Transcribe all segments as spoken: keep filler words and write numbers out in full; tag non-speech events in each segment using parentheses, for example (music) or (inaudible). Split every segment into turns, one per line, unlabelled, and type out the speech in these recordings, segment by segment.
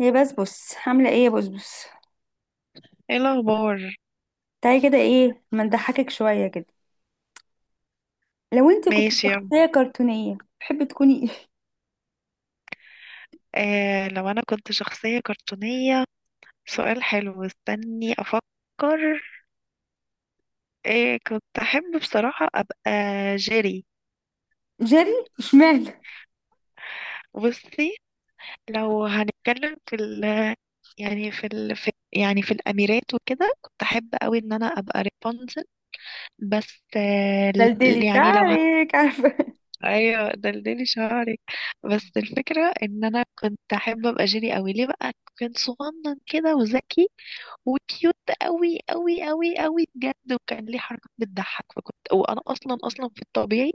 هي بسبس، عاملة ايه يا بسبس؟
ايه الاخبار؟
تعالي كده، ايه ما نضحكك شوية كده. لو انت كنت
ماشي يلا.
شخصية كرتونية تحبي تكوني (laughs) ايه؟
آه، لو انا كنت شخصية كرتونية، سؤال حلو، استني افكر. آه، كنت احب بصراحة ابقى جيري.
جيري؟ اشمعنى؟
بصي، لو هنتكلم في ال يعني في ال في يعني في الاميرات وكده، كنت احب قوي ان انا ابقى رابنزل. بس آه، ال-
دلدلي
يعني لو ه...
تعارك، عارفة؟
ايوه دلدلي شعرك. بس الفكرة ان انا كنت احب ابقى جيري قوي. ليه بقى؟ كنت صغنن كده وذكي وكيوت قوي قوي قوي قوي بجد، وكان ليه حركات بتضحك. فكنت وانا اصلا اصلا في الطبيعي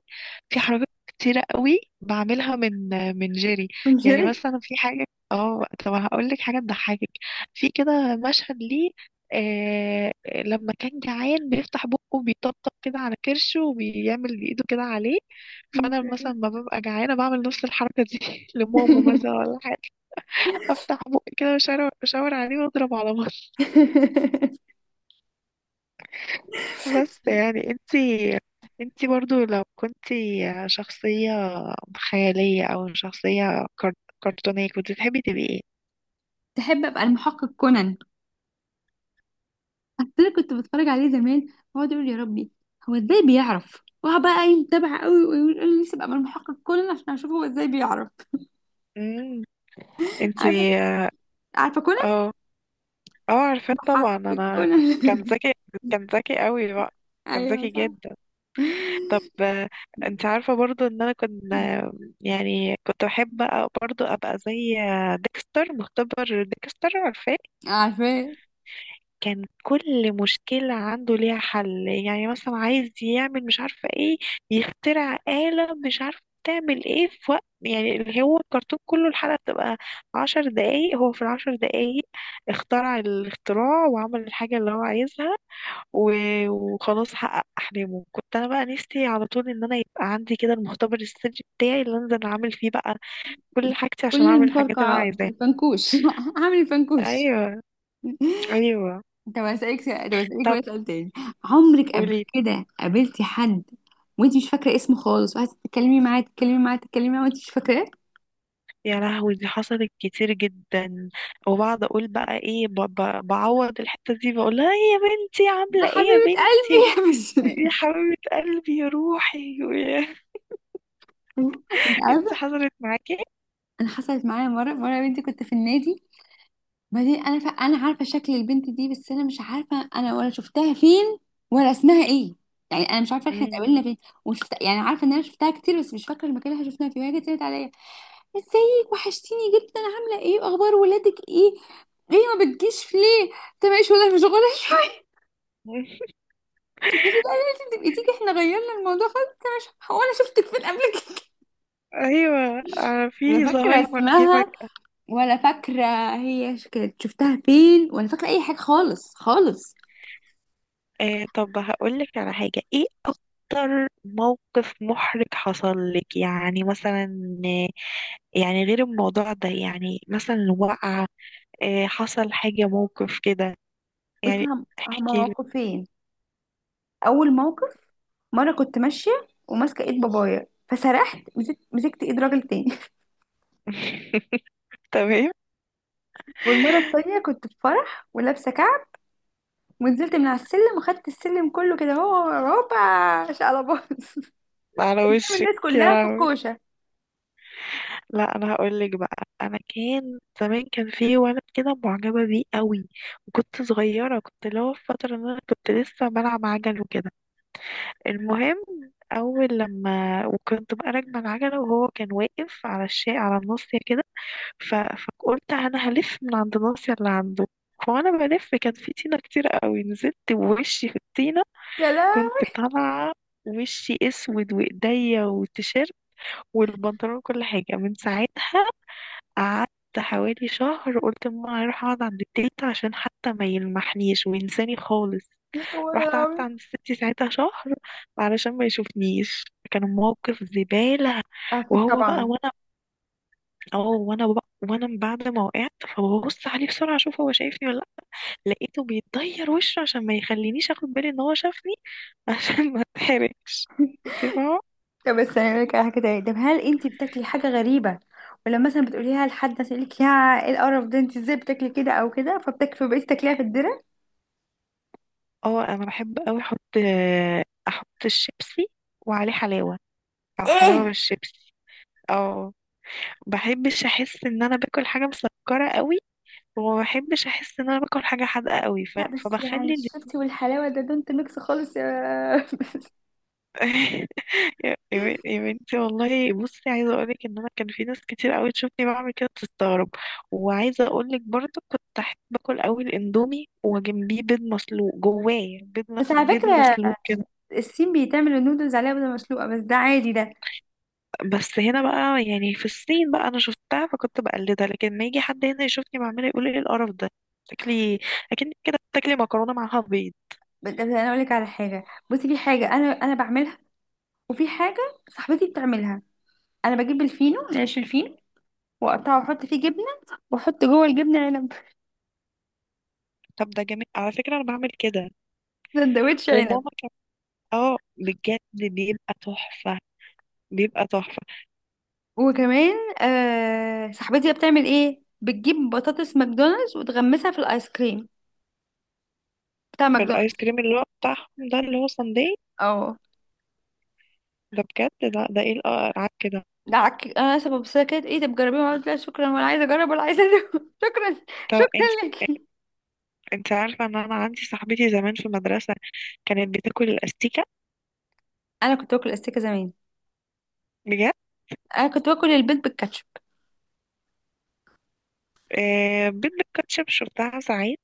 في حركات كتيره قوي بعملها من من جيري. يعني
جيري.
مثلا في حاجه، اه طب هقول لك حاجه تضحكك. في كده مشهد ليه، آه، لما كان جعان بيفتح بقه بيطبطب كده على كرشه وبيعمل بايده كده عليه. فانا مثلا ما ببقى جعانه بعمل نفس الحركه دي (laughs) لماما مثلا
(laughs)
ولا حاجه. افتح بقي كده واشاور أشاور عليه واضرب على بطنه. بس يعني انتي، انتي برضو لو كنتي شخصية خيالية او شخصية كار- كرتونية، كنت تحبي تبقي ايه؟
تحب ابقى المحقق كونان. اصل كنت بتفرج عليه زمان، واقعد اقول يا ربي، هو ازاي بيعرف؟ واقعد بقى يتابع قوي ويقول لي نفسي ابقى من المحقق كونان عشان اشوف هو ازاي بيعرف.
امم
عارفه.
انتي. اه،
عارفه كونان.
اه عارفة
محقق
طبعا انا. كان
كونان.
ذكي، كان ذكي قوي بقى،
(laughs)
كان
ايوه،
ذكي
صح.
جدا. طب آه، انت عارفة برضو ان انا كنت آه، يعني كنت احب برضو ابقى زي آه، ديكستر، مختبر ديكستر، عارفاه.
عارفاه.
كان كل مشكلة عنده ليها حل. يعني مثلا عايز يعمل مش عارفة ايه، يخترع آلة مش عارفة تعمل ايه في وقت، يعني اللي هو الكرتون كله الحلقة بتبقى عشر دقايق. هو في العشر دقايق اخترع الاختراع وعمل الحاجة اللي هو عايزها و- وخلاص حقق أحلامه. كنت أنا بقى نفسي على طول إن أنا يبقى عندي كده المختبر السري بتاعي اللي أنزل أعمل فيه بقى كل حاجتي عشان
كل
أعمل الحاجات اللي أنا
المفرقعات،
عايزاها.
الفنكوش. (laughs) عامل الفنكوش.
أيوه، أيوه.
طب هسألك سؤال- طب هسألك
طب
بقى سؤال تاني. عمرك قبل
قولي.
كده قابلتي حد وانت مش فاكرة اسمه خالص، وقعدتي تتكلمي معاه تتكلمي معاه تتكلمي معاه وانت مش فاكراه؟
يا لهوي، دي حصلت كتير جدا. وبقعد اقول بقى ايه، ب- ب- بعوض الحته دي، بقول لها "إيه يا بنتي،
ده
عامله ايه يا
حبيبة قلبي
بنتي،
يا بس.
يا
(laughs)
حبيبه قلبي، يا روحي".
انت
(laughs) انت
عارفة.
حصلت معاكي؟
انا حصلت معايا مرة. مرة يا بنتي كنت في النادي، بعدين انا ف... انا عارفه شكل البنت دي، بس انا مش عارفه انا ولا شفتها فين ولا اسمها ايه. يعني انا مش عارفه احنا
مم.
اتقابلنا فين. وشفت، يعني عارفه ان انا شفتها كتير، بس مش فاكره المكان اللي إحنا شفناها فيه. وهي جت قالت عليا، ازيك، وحشتيني جدا، عامله ايه، واخبار ولادك ايه، ليه ما بتجيش، ليه انت مش ولا مشغوله شويه؟ (laughs) قالت لي بقى لازم تبقي تيجي، احنا غيرنا الموضوع خالص. انت مش هو، انا شفتك فين قبل كده؟
ايوه
(laughs)
آه،
انا
في
فاكره
زهايمر جه
اسمها
فجأة.
ولا فاكره، هي ش- كانت شفتها فين، ولا فاكره اي حاجه خالص خالص.
آه طب هقول لك على حاجه، ايه اكتر موقف محرج حصل لك؟ يعني مثلا، آه، يعني غير الموضوع ده، يعني مثلا وقعه، آه، حصل حاجه موقف كده
بس
يعني.
هم- هما
احكي.
موقفين. اول موقف، مره كنت ماشيه وماسكه ايد بابايا فسرحت مسكت مسكت ايد راجل تاني.
(laughs) تمام.
(laughs) والمره التانيه كنت في فرح ولابسه كعب، ونزلت من على السلم وخدت السلم كله كده، هو هوبا شقلباظ. (laughs)
على
قدام
وشك.
الناس
يا
كلها في
لهوي.
الكوشه.
لا انا هقول لك بقى، انا كان زمان كان في ولد كده معجبه بيه قوي، وكنت صغيره، كنت اللي هو في فتره ان انا كنت لسه بلعب عجل وكده. المهم اول لما وكنت بقى راكبه العجله، وهو كان واقف على الشيء، على الناصيه كده، ف... فقلت انا هلف من عند الناصيه اللي عنده. فانا بلف، كان في طينه كتير قوي، نزلت بوشي في الطينه.
يا لا.
كنت طالعه وشي اسود وايديا وتيشيرت والبنطلون كل حاجة. من ساعتها قعدت حوالي شهر، قلت لماما هروح اقعد عند التلت عشان حتى ما يلمحنيش وينساني خالص.
يا قوي يا
رحت قعدت
لهوي.
عند ستي ساعتها شهر علشان ما يشوفنيش. كان موقف زبالة.
اكيد
وهو بقى
طبعا.
وانا، اه وانا بقى وانا بعد ما وقعت فببص عليه بسرعة اشوف هو شايفني ولا لأ، لقيته بيتغير وشه عشان ما يخلينيش اخد بالي ان هو شافني (laughs) عشان ما اتحرجش. انت فاهمة؟
طب بس انا لك حاجه تانية. طب هل انت بتاكلي حاجه غريبه، ولما مثلا بتقوليها لحد يسألك يا ايه القرف ده، انت ازاي بتاكلي كده او كده، فبتكفي بقيتي تاكليها في الدرة؟
اه انا بحب اوي احط احط الشيبسي وعليه حلاوه، او
ايه؟
حلاوه بالشيبسي. اه بحبش احس ان انا باكل حاجه مسكره قوي، وما بحبش احس ان انا باكل حاجه حادقه قوي. ف...
لا بس يعني
فبخلي ال...
الشطي والحلاوة ده دونت ميكس خالص يا (laughs) بس.
(laughs) يا يا بنت- يا بنتي والله، بصي عايزه اقولك ان انا كان في ناس كتير قوي تشوفني بعمل كده تستغرب. وعايزه اقولك برضو كنت احب باكل قوي الاندومي وجنبيه بيض مسلوق، جواه بيض،
بس على (laughs)
بيض
فكرة،
مسلوق.
الصين بيتعملوا النودلز عليها بيضة مسلوقة، بس ده عادي ده.
بس هنا بقى، يعني في الصين بقى انا شفتها فكنت بقلدها، لكن ما يجي حد هنا يشوفني بعملها يقول ايه القرف ده. تاكلي اكن كده بتاكلي مكرونه معاها بيض.
بس انا اقول لك على حاجة. بصي، في حاجة انا انا بعملها، وفي حاجة صاحبتي بتعملها. انا بجيب الفينو، العيش الفينو، واقطعه واحط فيه جبنة، واحط جوه الجبنة عنب.
طب ده جميل على فكره، انا بعمل كده
(laughs) سندوتش عنب.
وماما كانت. اه بجد بيبقى تحفه، بيبقى تحفه.
وكمان آه، صاحبتي بتعمل ايه، بتجيب بطاطس ماكدونالدز وتغمسها في الايس كريم بتاع
في الايس
ماكدونالدز.
كريم اللي هو بتاعهم ده اللي هو ساندي؟
اه.
ده بجد لا، ده ايه القرف كده.
دعك، انا سبب، بس هي كانت ايه ده، بتجربيها؟ قلت لا شكرا، ولا عايزه اجرب ولا عايزه أدوق. (laughs) شكرا.
طب
شكرا
انت،
لك.
انت عارفه ان انا عندي صاحبتي زمان في المدرسه كانت بتاكل الاستيكه؟
انا كنت باكل استيكه زمان.
بجد.
انا كنت باكل البيض بالكاتشب.
آه بيض بالكاتشب شفتها ساعات،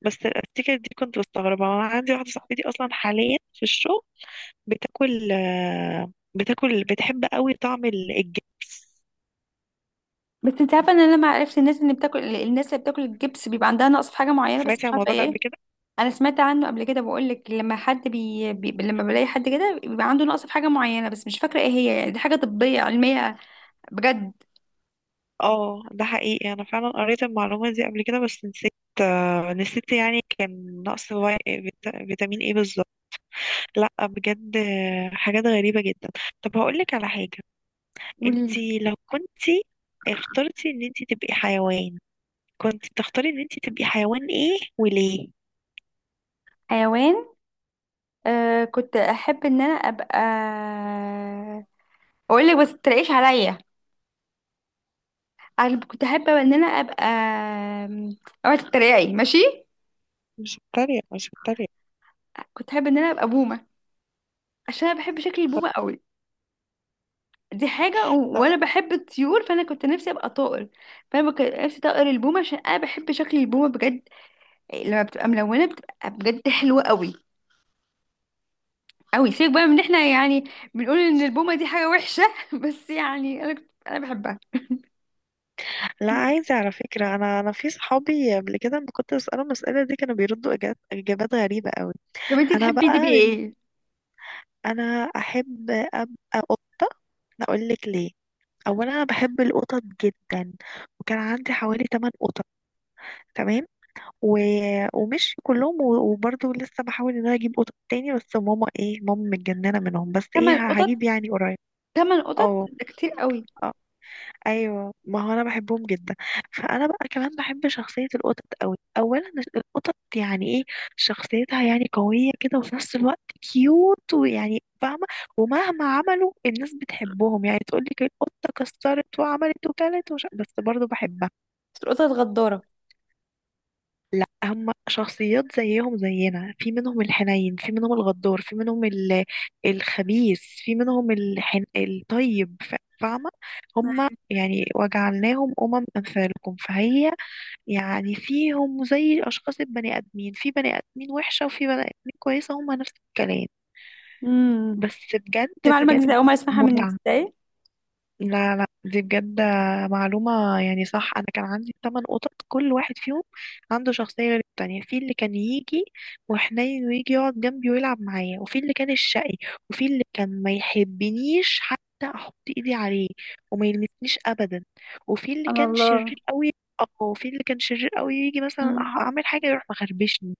بس الستيكر دي كنت بستغربها. أنا عندي واحدة صاحبتي أصلا حاليا في الشغل بتاكل آه، بتاكل بتحب قوي طعم ال- الجبس.
بس انت عارفه ان انا لما عرفت الناس اللي بتاكل، الناس اللي بتاكل الجبس بيبقى عندها نقص في حاجه معينه، بس
سمعتي
مش
عن
عارفه
الموضوع ده
ايه.
قبل كده؟
انا سمعت عنه قبل كده، بقول لك لما حد بي... بي... لما بلاقي حد كده بيبقى عنده نقص في حاجه معينه، بس مش فاكره ايه هي، يعني دي حاجه طبيه علميه. بجد.
اه ده حقيقي، أنا فعلا قريت المعلومة دي قبل كده بس نسيت آه، نسيت يعني كان نقص في- فيتا- فيتامين ايه بالظبط. لا بجد آه، حاجات غريبة جدا. طب هقولك على حاجة، انتي لو كنتي اخترتي ان انتي تبقي حيوان، كنت تختاري ان انتي تبقي حيوان ايه وليه؟
والحيوان، آه كنت احب ان انا ابقى، اقول لك بس تلاقيش عليا. أنا كنت أحب إن أنا أبقى، أوعي تتريقي. ماشي.
مش بتريق، مش بتريق.
كنت أحب إن أنا أبقى بومة، عشان أنا بحب شكل البومة قوي. دي حاجة، و...
لا
وأنا بحب الطيور، فأنا كنت نفسي أبقى طائر. فأنا كنت نفسي طائر البومة، عشان أنا بحب شكل البومة بجد. لما بتبقى ملونة بتبقى بجد حلوة قوي قوي. سيبك بقى من إن إحنا يعني بنقول إن البومة دي حاجة وحشة. (laughs) بس يعني أنا كنت... أنا بحبها.
لا، عايزة على فكرة، أنا أنا في صحابي قبل كده لما كنت بسألهم المسألة دي كانوا بيردوا إجابات إجابات غريبة أوي.
طب أنت
أنا
تحبي تبقي
بقى،
إيه؟
أنا أحب أبقى قطة. أقول لك ليه. أولا أنا بحب القطط جدا، وكان عندي حوالي ثمان قطط. تمام. و... ومش كلهم و... وبرضه لسه بحاول إن أنا أجيب قطط تاني، بس ماما إيه، ماما متجننة منهم، بس إيه،
تمن قطط.
هجيب يعني قريب.
تمن قطط
اه.
ده كتير قوي.
أه. ايوه ما هو انا بحبهم جدا. فانا بقى كمان بحب شخصيه القطط قوي. اولا القطط يعني ايه، شخصيتها يعني قويه كده وفي نفس الوقت كيوت، ويعني فاهمه. ومهما عملوا، الناس بتحبهم. يعني تقول لك القطه كسرت وعملت وكلت وش... بس برضو بحبها.
بس القطط غدارة.
لا هم شخصيات زيهم زينا، في منهم الحنين، في منهم الغدار، في منهم ال- الخبيث، في منهم الحن... الطيب. ف- فاهمة؟ هم يعني وجعلناهم أمم أمثالكم. فهي يعني فيهم زي أشخاص البني آدمين، في بني آدمين وحشة وفي بني آدمين كويسة، هم نفس الكلام.
امم.
بس
دي
بجد
معلومة جديدة،
بجد
أول مرة أسمعها منك،
متعة.
ازاي؟
لا لا دي بجد معلومة يعني صح. أنا كان عندي ثمان قطط، كل واحد فيهم عنده شخصية غير التانية. في اللي كان يجي وحنين ويجي يقعد جنبي ويلعب معايا، وفي اللي كان الشقي، وفي اللي كان ما يحبنيش حتى أحط إيدي عليه وما يلمسنيش أبدا، وفي اللي
سبحان
كان
الله.
شرير قوي. اه وفي اللي كان شرير قوي، يجي مثلا
مم.
أح- أعمل حاجة يروح مخربشني.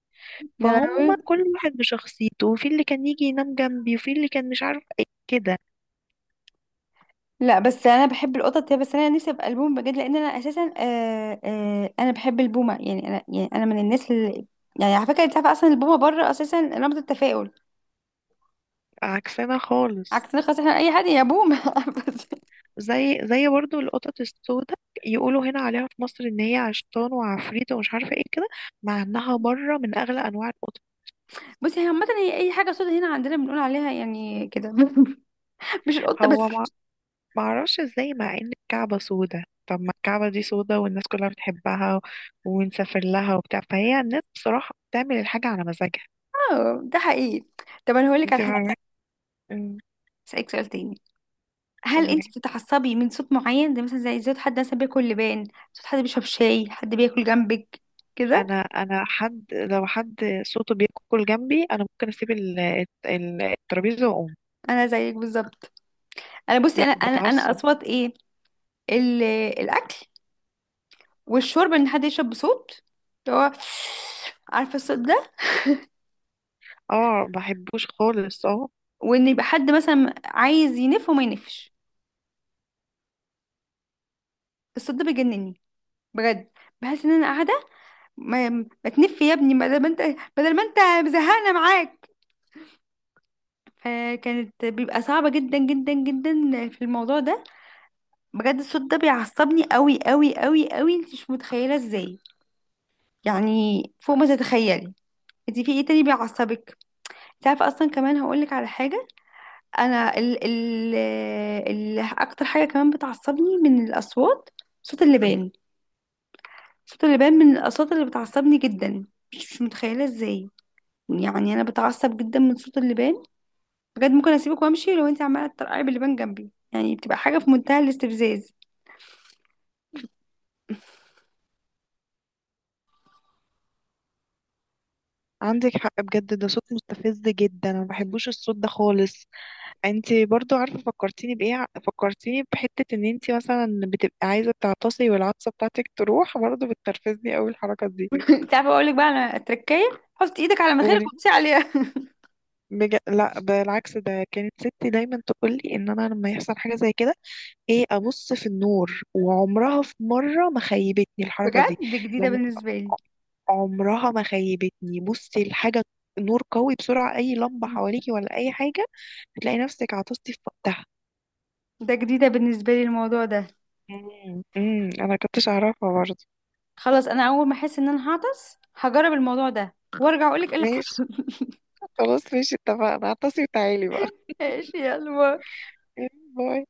يا
فهم
لهوي.
كل واحد بشخصيته، وفي اللي كان يجي ينام جنبي، وفي اللي كان مش عارف ايه كده.
لا بس انا بحب القطط يا بس، انا نفسي ابقى البومه بجد، لان انا اساسا آه آه انا بحب البومه. يعني انا، يعني انا من الناس اللي، يعني على فكره، انت عارفه اصلا البومه بره اساسا رمز التفاؤل.
عكسنا خالص.
عكسنا خلاص، احنا اي حد يا بومه. (laughs) بس
زي، زي برضو القطط السوداء، يقولوا هنا عليها في مصر ان هي عشتان وعفريت ومش عارفه ايه كده، مع انها بره من اغلى انواع القطط.
بصي هي عامه، هي اي حاجه سودا هنا عندنا بنقول عليها يعني كده. (laughs) مش القطه
هو ما،
بس.
ما اعرفش ازاي، مع ان الكعبه سوداء. طب ما الكعبه دي سوداء والناس كلها بتحبها ونسافر لها وبتاع. فهي الناس بصراحه بتعمل الحاجه على مزاجها.
اه ده حقيقي. طب انا هقول لك
انت
على حاجه
فاهمه؟
تانية،
أمم،
اسالك سؤال تاني. هل انت
أمم.
بتتعصبي من صوت معين، ده مثلا زي صوت حد مثلا بياكل لبان، صوت حد بيشرب شاي، حد بياكل جنبك كده؟
انا، انا حد لو حد صوته بياكل جنبي انا ممكن اسيب ال- الت- الترابيزه واقوم.
انا زيك بالظبط. انا بصي،
لا
انا انا انا
بتعصب.
اصوات ايه، ال- الاكل والشرب، ان حد يشرب بصوت، اللي هو عارفه الصوت ده،
اه بحبوش خالص، اه.
وان يبقى حد مثلا عايز ينف وما ينفش. الصوت ده بيجنني بجد. بحس ان انا قاعده، ما, ما تنف يا ابني، بدل ما انت بدل ما انت مزهقنا معاك. فكانت بيبقى صعبه جدا جدا جدا في الموضوع ده. بجد الصوت ده بيعصبني قوي قوي قوي قوي، انت مش متخيله ازاي، يعني فوق ما تتخيلي. انت في ايه تاني بيعصبك؟ تعرف اصلا كمان هقولك على حاجه. انا ال ال ال اكتر حاجه كمان بتعصبني من الاصوات، صوت اللبان. صوت اللبان من الاصوات اللي بتعصبني جدا، مش مش متخيله ازاي. يعني انا بتعصب جدا من صوت اللبان. بجد ممكن اسيبك وامشي لو انت عماله تطرقعي باللبان جنبي، يعني بتبقى حاجه في منتهى الاستفزاز.
عندك حق بجد، ده صوت مستفز جدا، انا ما بحبوش الصوت ده خالص. انتي برضو عارفه فكرتيني بايه، ع- فكرتيني بحته ان انتي مثلا بتبقي عايزه تعطسي والعطسه بتاعتك تروح، برضو بتنرفزني قوي الحركه دي.
(laughs) انت عارفه اقولك بقى على تركايه، حط ايدك على مناخيرك
قولي.
وتدوسي عليها.
بج... لا بالعكس، ده كانت ستي دايما تقول لي ان انا لما يحصل حاجه زي كده ايه، ابص في النور، وعمرها في مره ما خيبتني
(laughs)
الحركه
بجد
دي.
جديده
لما،
بالنسبه لي.
عمرها ما خيبتني. بصي الحاجه، نور قوي بسرعه اي لمبه
مم.
حواليكي ولا اي حاجه، هتلاقي نفسك عطستي في وقتها.
ده جديده بالنسبه لي الموضوع ده.
امم، امم. انا كنتش اعرفها برضه.
خلاص، انا اول ما احس ان انا هعطس هجرب الموضوع ده، وارجع اقولك ايه اللي (laughs)
ماشي.
حصل.
خلاص ماشي اتفقنا، عطسي وتعالي بقى.
ماشي يا قلبي.
(laughs) باي.